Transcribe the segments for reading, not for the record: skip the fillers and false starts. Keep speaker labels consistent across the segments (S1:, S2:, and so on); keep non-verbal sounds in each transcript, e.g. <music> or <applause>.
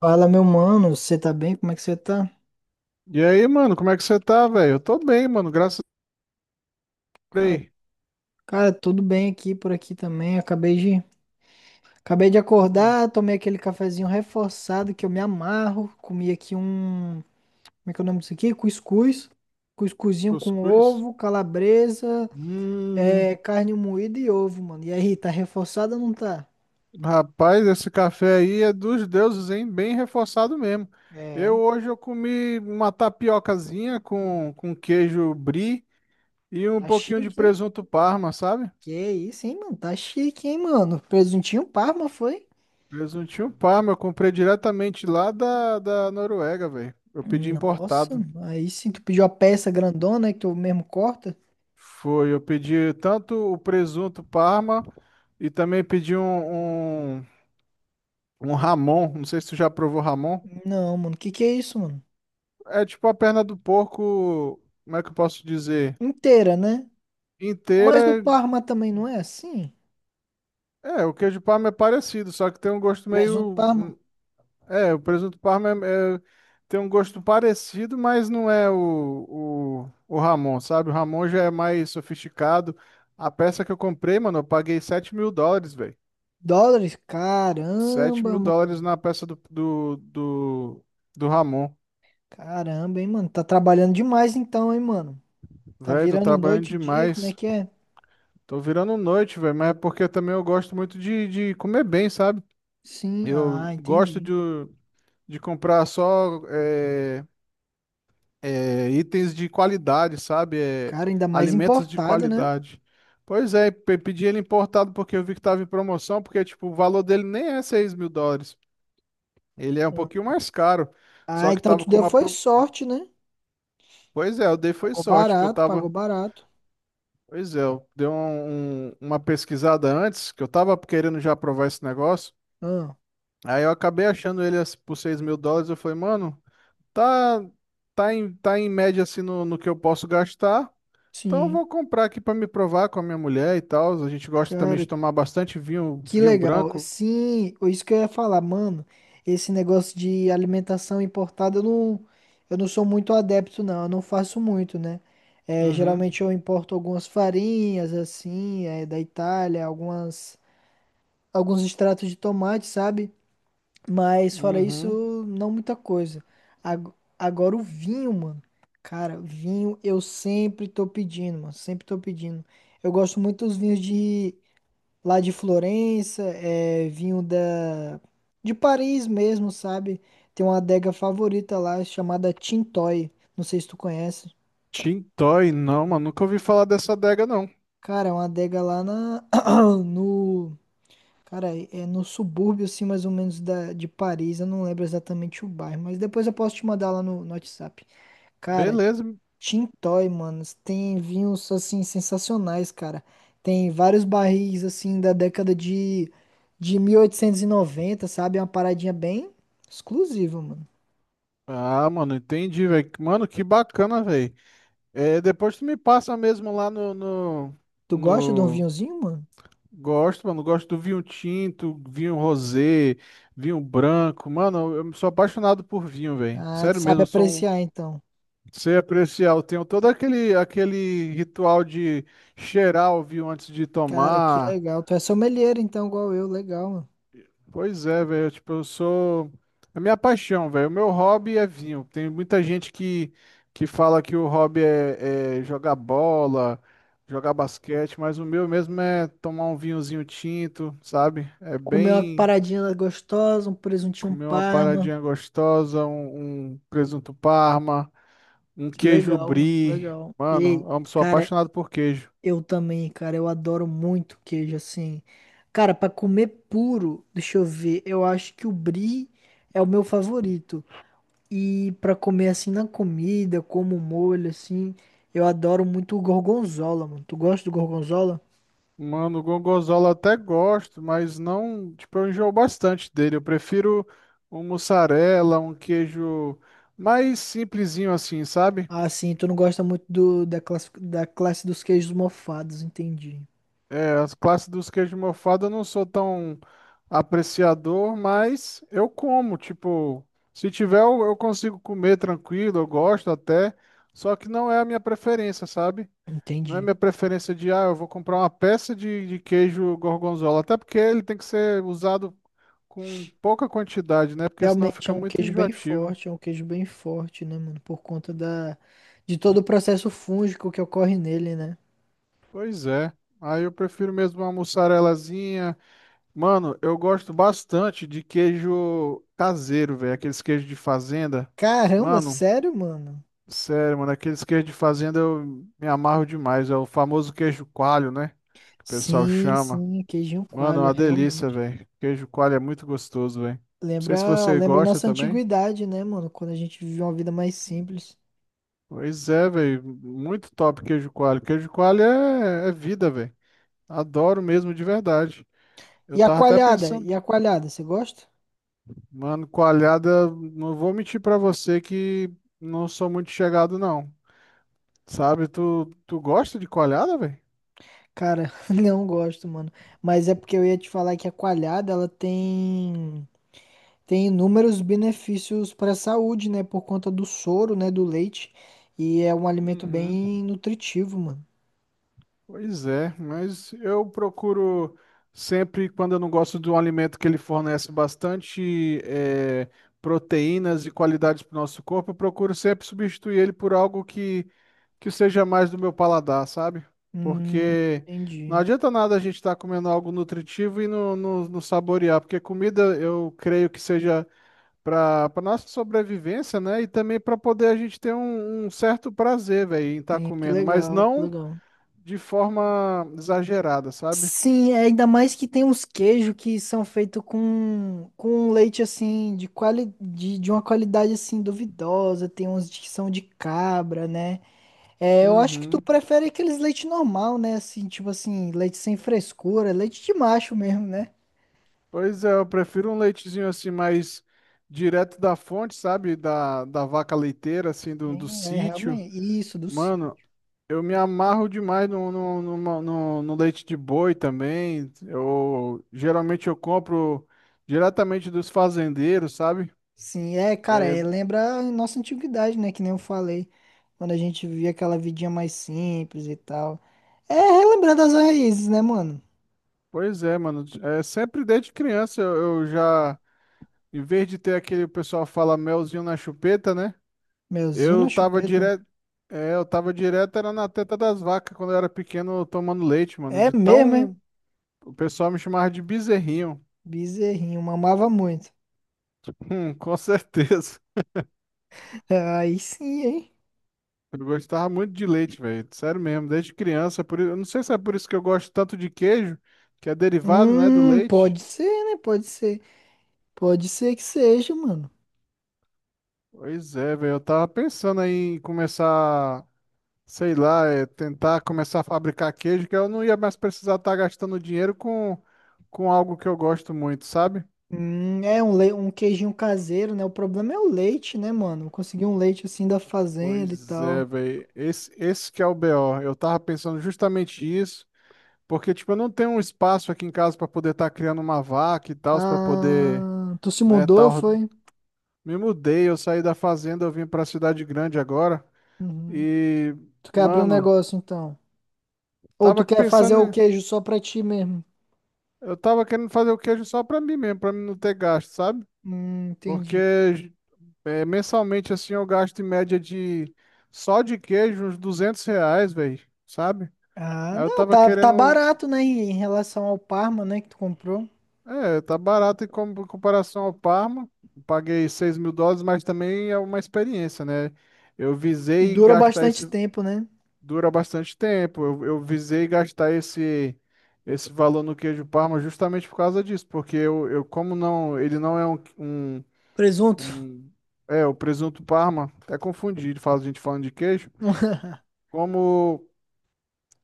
S1: Fala, meu mano, você tá bem? Como é que você tá?
S2: E aí, mano, como é que você tá, velho? Eu tô bem, mano, graças a
S1: Cara,
S2: Deus.
S1: cara, tudo bem aqui por aqui também. Acabei de
S2: Hum,
S1: acordar, tomei aquele cafezinho reforçado que eu me amarro. Comi aqui um, como é que é o nome disso aqui? Cuscuz. Cuscuzinho com
S2: Cuscuz?
S1: ovo, calabresa,
S2: Hum,
S1: é, carne moída e ovo, mano. E aí, tá reforçado ou não tá?
S2: Rapaz, esse café aí é dos deuses, hein? Bem reforçado mesmo. Eu
S1: É,
S2: hoje eu comi uma tapiocazinha com queijo brie e um
S1: tá
S2: pouquinho de
S1: chique, hein?
S2: presunto parma, sabe?
S1: Que isso, hein, mano? Tá chique, hein, mano? Presuntinho Parma foi?
S2: Presuntinho parma, eu comprei diretamente lá da Noruega, velho. Eu pedi
S1: Nossa,
S2: importado.
S1: aí sim, tu pediu a peça grandona, né, que tu mesmo corta?
S2: Foi, eu pedi tanto o presunto parma e também pedi um ramon, não sei se tu já provou ramon.
S1: Não, mano. Que é isso, mano?
S2: É tipo a perna do porco, como é que eu posso dizer?
S1: Inteira, né? Mas o
S2: Inteira.
S1: Parma também não é assim?
S2: É, o queijo parma é parecido, só que tem um gosto meio...
S1: Presunto Parma.
S2: hum, É, o presunto parma tem um gosto parecido, mas não é o ramon, sabe? O ramon já é mais sofisticado. A peça que eu comprei, mano, eu paguei US$ 7.000, velho.
S1: Dólares?
S2: Sete
S1: Caramba,
S2: mil dólares
S1: mano.
S2: na peça do ramon.
S1: Caramba, hein, mano. Tá trabalhando demais então, hein, mano. Tá
S2: Velho, tô
S1: virando
S2: trabalhando
S1: noite e dia, como é
S2: demais.
S1: que é?
S2: Tô virando noite, velho, mas é porque também eu gosto muito de comer bem, sabe?
S1: Sim, ah,
S2: Eu gosto
S1: entendi.
S2: de comprar só itens de qualidade, sabe? É,
S1: Cara, ainda mais
S2: alimentos de
S1: importada, né?
S2: qualidade. Pois é, pedi ele importado porque eu vi que tava em promoção, porque tipo, o valor dele nem é US$ 6.000. Ele é um
S1: Ah,
S2: pouquinho mais caro,
S1: Ah,
S2: só que
S1: então
S2: tava
S1: tu
S2: com
S1: deu
S2: uma...
S1: foi sorte, né?
S2: Pois é, eu dei foi
S1: Pagou
S2: sorte, porque eu
S1: barato,
S2: tava...
S1: pagou barato.
S2: Pois é, eu dei uma pesquisada antes, que eu tava querendo já provar esse negócio.
S1: Ah,
S2: Aí eu acabei achando ele assim, por US$ 6.000. Eu falei, mano, tá, tá em média assim no que eu posso gastar. Então eu
S1: sim.
S2: vou comprar aqui pra me provar com a minha mulher e tal. A gente gosta também
S1: Cara,
S2: de tomar bastante vinho,
S1: que
S2: vinho
S1: legal.
S2: branco.
S1: Sim, isso que eu ia falar, mano. Esse negócio de alimentação importada, eu não sou muito adepto, não. Eu não faço muito, né? É,
S2: Uhum,
S1: geralmente eu importo algumas farinhas, assim, é, da Itália, algumas, alguns extratos de tomate, sabe? Mas fora isso,
S2: uhum.
S1: não muita coisa. Ag- Agora o vinho, mano. Cara, vinho eu sempre tô pedindo, mano. Sempre tô pedindo. Eu gosto muito dos vinhos de lá de Florença, é, vinho da de Paris mesmo, sabe? Tem uma adega favorita lá chamada Tintoy. Não sei se tu conhece.
S2: Tintoy, não, mano, nunca ouvi falar dessa adega, não.
S1: Cara, é uma adega lá na <coughs> <clears throat> no Cara, é no subúrbio, assim, mais ou menos da, de Paris. Eu não lembro exatamente o bairro, mas depois eu posso te mandar lá no WhatsApp. Cara,
S2: Beleza.
S1: Tintoy, mano, tem vinhos assim sensacionais, cara. Tem vários barris assim da década de 1890, sabe? É uma paradinha bem exclusiva, mano.
S2: Ah, mano, entendi, velho. Mano, que bacana, velho. É, depois tu me passa mesmo lá no, no,
S1: Tu gosta de um
S2: no,
S1: vinhozinho, mano?
S2: Gosto, mano. Gosto do vinho tinto, vinho rosé, vinho branco. Mano, eu sou apaixonado por vinho, velho.
S1: Ah, tu
S2: Sério
S1: sabe
S2: mesmo, eu sou um.
S1: apreciar então.
S2: Sei apreciar. Eu tenho todo aquele ritual de cheirar o vinho antes de
S1: Cara, que
S2: tomar.
S1: legal. Tu é sommelier então, igual eu, legal, mano.
S2: Pois é, velho. Tipo, eu sou. É minha paixão, velho. O meu hobby é vinho. Tem muita gente que fala que o hobby é jogar bola, jogar basquete, mas o meu mesmo é tomar um vinhozinho tinto, sabe? É
S1: Comer uma
S2: bem.
S1: paradinha gostosa, um presuntinho
S2: Comer uma
S1: parma.
S2: paradinha gostosa, um presunto parma, um
S1: Que
S2: queijo
S1: legal, mano, que
S2: brie.
S1: legal. E,
S2: Mano, eu sou
S1: cara,
S2: apaixonado por queijo.
S1: eu também, cara, eu adoro muito queijo assim. Cara, pra comer puro, deixa eu ver, eu acho que o brie é o meu favorito. E pra comer assim na comida, como molho assim, eu adoro muito o gorgonzola, mano. Tu gosta do gorgonzola?
S2: Mano, gorgonzola até gosto, mas não, tipo, eu enjoo bastante dele. Eu prefiro um mussarela, um queijo mais simplesinho assim, sabe?
S1: Ah, sim, tu não gosta muito da classe dos queijos mofados, entendi.
S2: É, as classes dos queijos mofados eu não sou tão apreciador, mas eu como, tipo, se tiver eu consigo comer tranquilo, eu gosto até, só que não é a minha preferência, sabe? Não é
S1: Entendi.
S2: minha preferência de, ah, eu vou comprar uma peça de queijo gorgonzola, até porque ele tem que ser usado com pouca quantidade, né? Porque senão
S1: Realmente é
S2: fica
S1: um
S2: muito
S1: queijo bem
S2: enjoativo.
S1: forte, é um queijo bem forte, né, mano? Por conta da, de todo o processo fúngico que ocorre nele, né?
S2: Pois é, aí eu prefiro mesmo uma mussarelazinha. Mano, eu gosto bastante de queijo caseiro, velho. Aqueles queijos de fazenda.
S1: Caramba,
S2: Mano,
S1: sério, mano?
S2: sério, mano, aqueles queijos de fazenda eu me amarro demais. É o famoso queijo coalho, né? Que o pessoal
S1: Sim,
S2: chama.
S1: sim, queijinho
S2: Mano, é
S1: coalho,
S2: uma delícia,
S1: realmente.
S2: velho. Queijo coalho é muito gostoso, velho. Não sei se
S1: Lembra,
S2: você
S1: lembra a
S2: gosta
S1: nossa
S2: também.
S1: antiguidade, né, mano? Quando a gente vivia uma vida mais simples.
S2: Pois é, velho. Muito top queijo coalho. Queijo coalho é vida, velho. Adoro mesmo de verdade.
S1: E
S2: Eu
S1: a
S2: tava até
S1: coalhada? E
S2: pensando.
S1: a coalhada, você gosta?
S2: Mano, coalhada, não vou mentir pra você que não sou muito chegado, não. Sabe, tu gosta de coalhada, velho?
S1: Cara, <laughs> não gosto, mano. Mas é porque eu ia te falar que a coalhada, ela tem tem inúmeros benefícios para a saúde, né, por conta do soro, né, do leite, e é um alimento bem nutritivo, mano.
S2: Pois é, mas eu procuro sempre, quando eu não gosto de um alimento que ele fornece bastante proteínas e qualidades para o nosso corpo, eu procuro sempre substituir ele por algo que seja mais do meu paladar, sabe?
S1: Hum,
S2: Porque não
S1: entendi.
S2: adianta nada a gente estar comendo algo nutritivo e não saborear, porque comida eu creio que seja para para nossa sobrevivência, né? E também para poder a gente ter um certo prazer, velho, em estar
S1: Sim, que
S2: comendo, mas
S1: legal, que
S2: não
S1: legal.
S2: de forma exagerada, sabe?
S1: Sim, é, ainda mais que tem uns queijos que são feitos com um leite assim, de, quali, de uma qualidade assim duvidosa, tem uns que são de cabra, né? É, eu acho que tu
S2: Uhum.
S1: prefere aqueles leite normal, né? Assim, tipo assim, leite sem frescura, leite de macho mesmo, né?
S2: Pois é, eu prefiro um leitezinho assim mais direto da fonte, sabe? Da vaca leiteira, assim, do
S1: É,
S2: sítio.
S1: realmente, isso, do cio.
S2: Mano, eu me amarro demais no leite de boi também. Eu geralmente eu compro diretamente dos fazendeiros, sabe?
S1: Sim, é, cara,
S2: É,
S1: é, lembra a nossa antiguidade, né? Que nem eu falei, quando a gente vivia aquela vidinha mais simples e tal. É relembrar das raízes, né, mano?
S2: pois é, mano. É, sempre desde criança eu já, em vez de ter aquele o pessoal fala melzinho na chupeta, né?
S1: Melzinho
S2: Eu
S1: na
S2: tava
S1: chupeta.
S2: direto. É, eu tava direto, era na teta das vacas quando eu era pequeno tomando leite, mano.
S1: É
S2: De
S1: mesmo, é?
S2: tão. O pessoal me chamava de bezerrinho. <laughs>
S1: Bezerrinho, mamava muito.
S2: Com certeza.
S1: Aí sim, hein?
S2: Eu gostava muito de leite, velho. Sério mesmo, desde criança. Eu não sei se é por isso que eu gosto tanto de queijo, que é derivado, né, do leite.
S1: Pode ser, né? Pode ser. Pode ser que seja, mano.
S2: Pois é, velho. Eu tava pensando aí em começar, sei lá, tentar começar a fabricar queijo, que eu não ia mais precisar estar gastando dinheiro com algo que eu gosto muito, sabe?
S1: É um, le... um queijinho caseiro, né? O problema é o leite, né, mano? Conseguir um leite assim da fazenda e
S2: Pois
S1: tal.
S2: é, velho. Esse que é o BO. Eu tava pensando justamente isso, porque, tipo, eu não tenho um espaço aqui em casa pra poder estar criando uma vaca e tal, pra poder,
S1: Ah, tu se
S2: né,
S1: mudou,
S2: tal.
S1: foi?
S2: Me mudei, eu saí da fazenda, eu vim pra cidade grande agora.
S1: Uhum.
S2: E,
S1: Tu quer abrir um
S2: mano,
S1: negócio, então? Ou tu
S2: tava
S1: quer fazer
S2: pensando,
S1: o
S2: em-
S1: queijo só pra ti mesmo?
S2: eu tava querendo fazer o queijo só pra mim mesmo, pra mim não ter gasto, sabe? Porque
S1: Entendi.
S2: é, mensalmente, assim, eu gasto em média de, só de queijo, uns R$ 200, velho, sabe?
S1: Ah,
S2: Aí eu
S1: não,
S2: tava
S1: tá, tá
S2: querendo...
S1: barato, né? Em relação ao Parma, né, que tu comprou.
S2: É, tá barato em em comparação ao Parma. Paguei US$ 6.000, mas também é uma experiência, né? Eu
S1: E
S2: visei
S1: dura
S2: gastar
S1: bastante
S2: esse.
S1: tempo, né?
S2: Dura bastante tempo. Eu visei gastar esse, esse valor no queijo Parma justamente por causa disso, porque eu como não. Ele não é um, um,
S1: Presunto.
S2: um- É, o presunto Parma, até confundido, fala a gente falando de queijo.
S1: <laughs>
S2: Como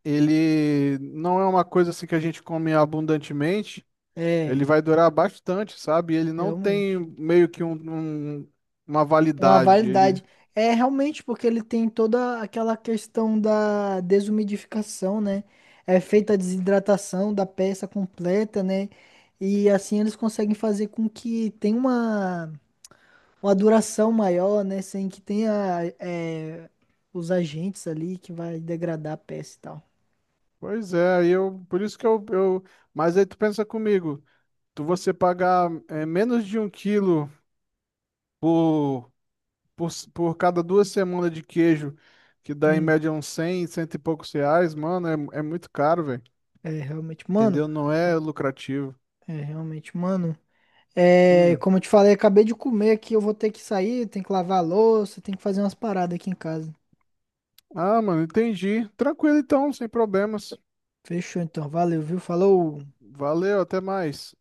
S2: ele não é uma coisa assim que a gente come abundantemente.
S1: É,
S2: Ele vai durar bastante, sabe? Ele não tem
S1: realmente.
S2: meio que um- uma
S1: Uma
S2: validade.
S1: validade. É realmente porque ele tem toda aquela questão da desumidificação, né? É feita a desidratação da peça completa, né? E assim eles conseguem fazer com que tenha uma duração maior, né? Sem que tenha é, os agentes ali que vai degradar a peça e tal.
S2: Pois é, aí eu, por isso que eu, mas aí tu pensa comigo, tu você pagar menos de um quilo por, por, por cada duas semanas de queijo, que dá em
S1: Hum,
S2: média uns 100, cento e poucos reais, mano, é muito caro, velho.
S1: é realmente, mano.
S2: Entendeu? Não é lucrativo.
S1: É realmente, mano. É,
S2: Hum.
S1: como eu te falei, acabei de comer aqui, eu vou ter que sair, tem que lavar a louça, tem que fazer umas paradas aqui em casa.
S2: Ah, mano, entendi. Tranquilo então, sem problemas.
S1: Fechou então, valeu, viu? Falou!
S2: Valeu, até mais.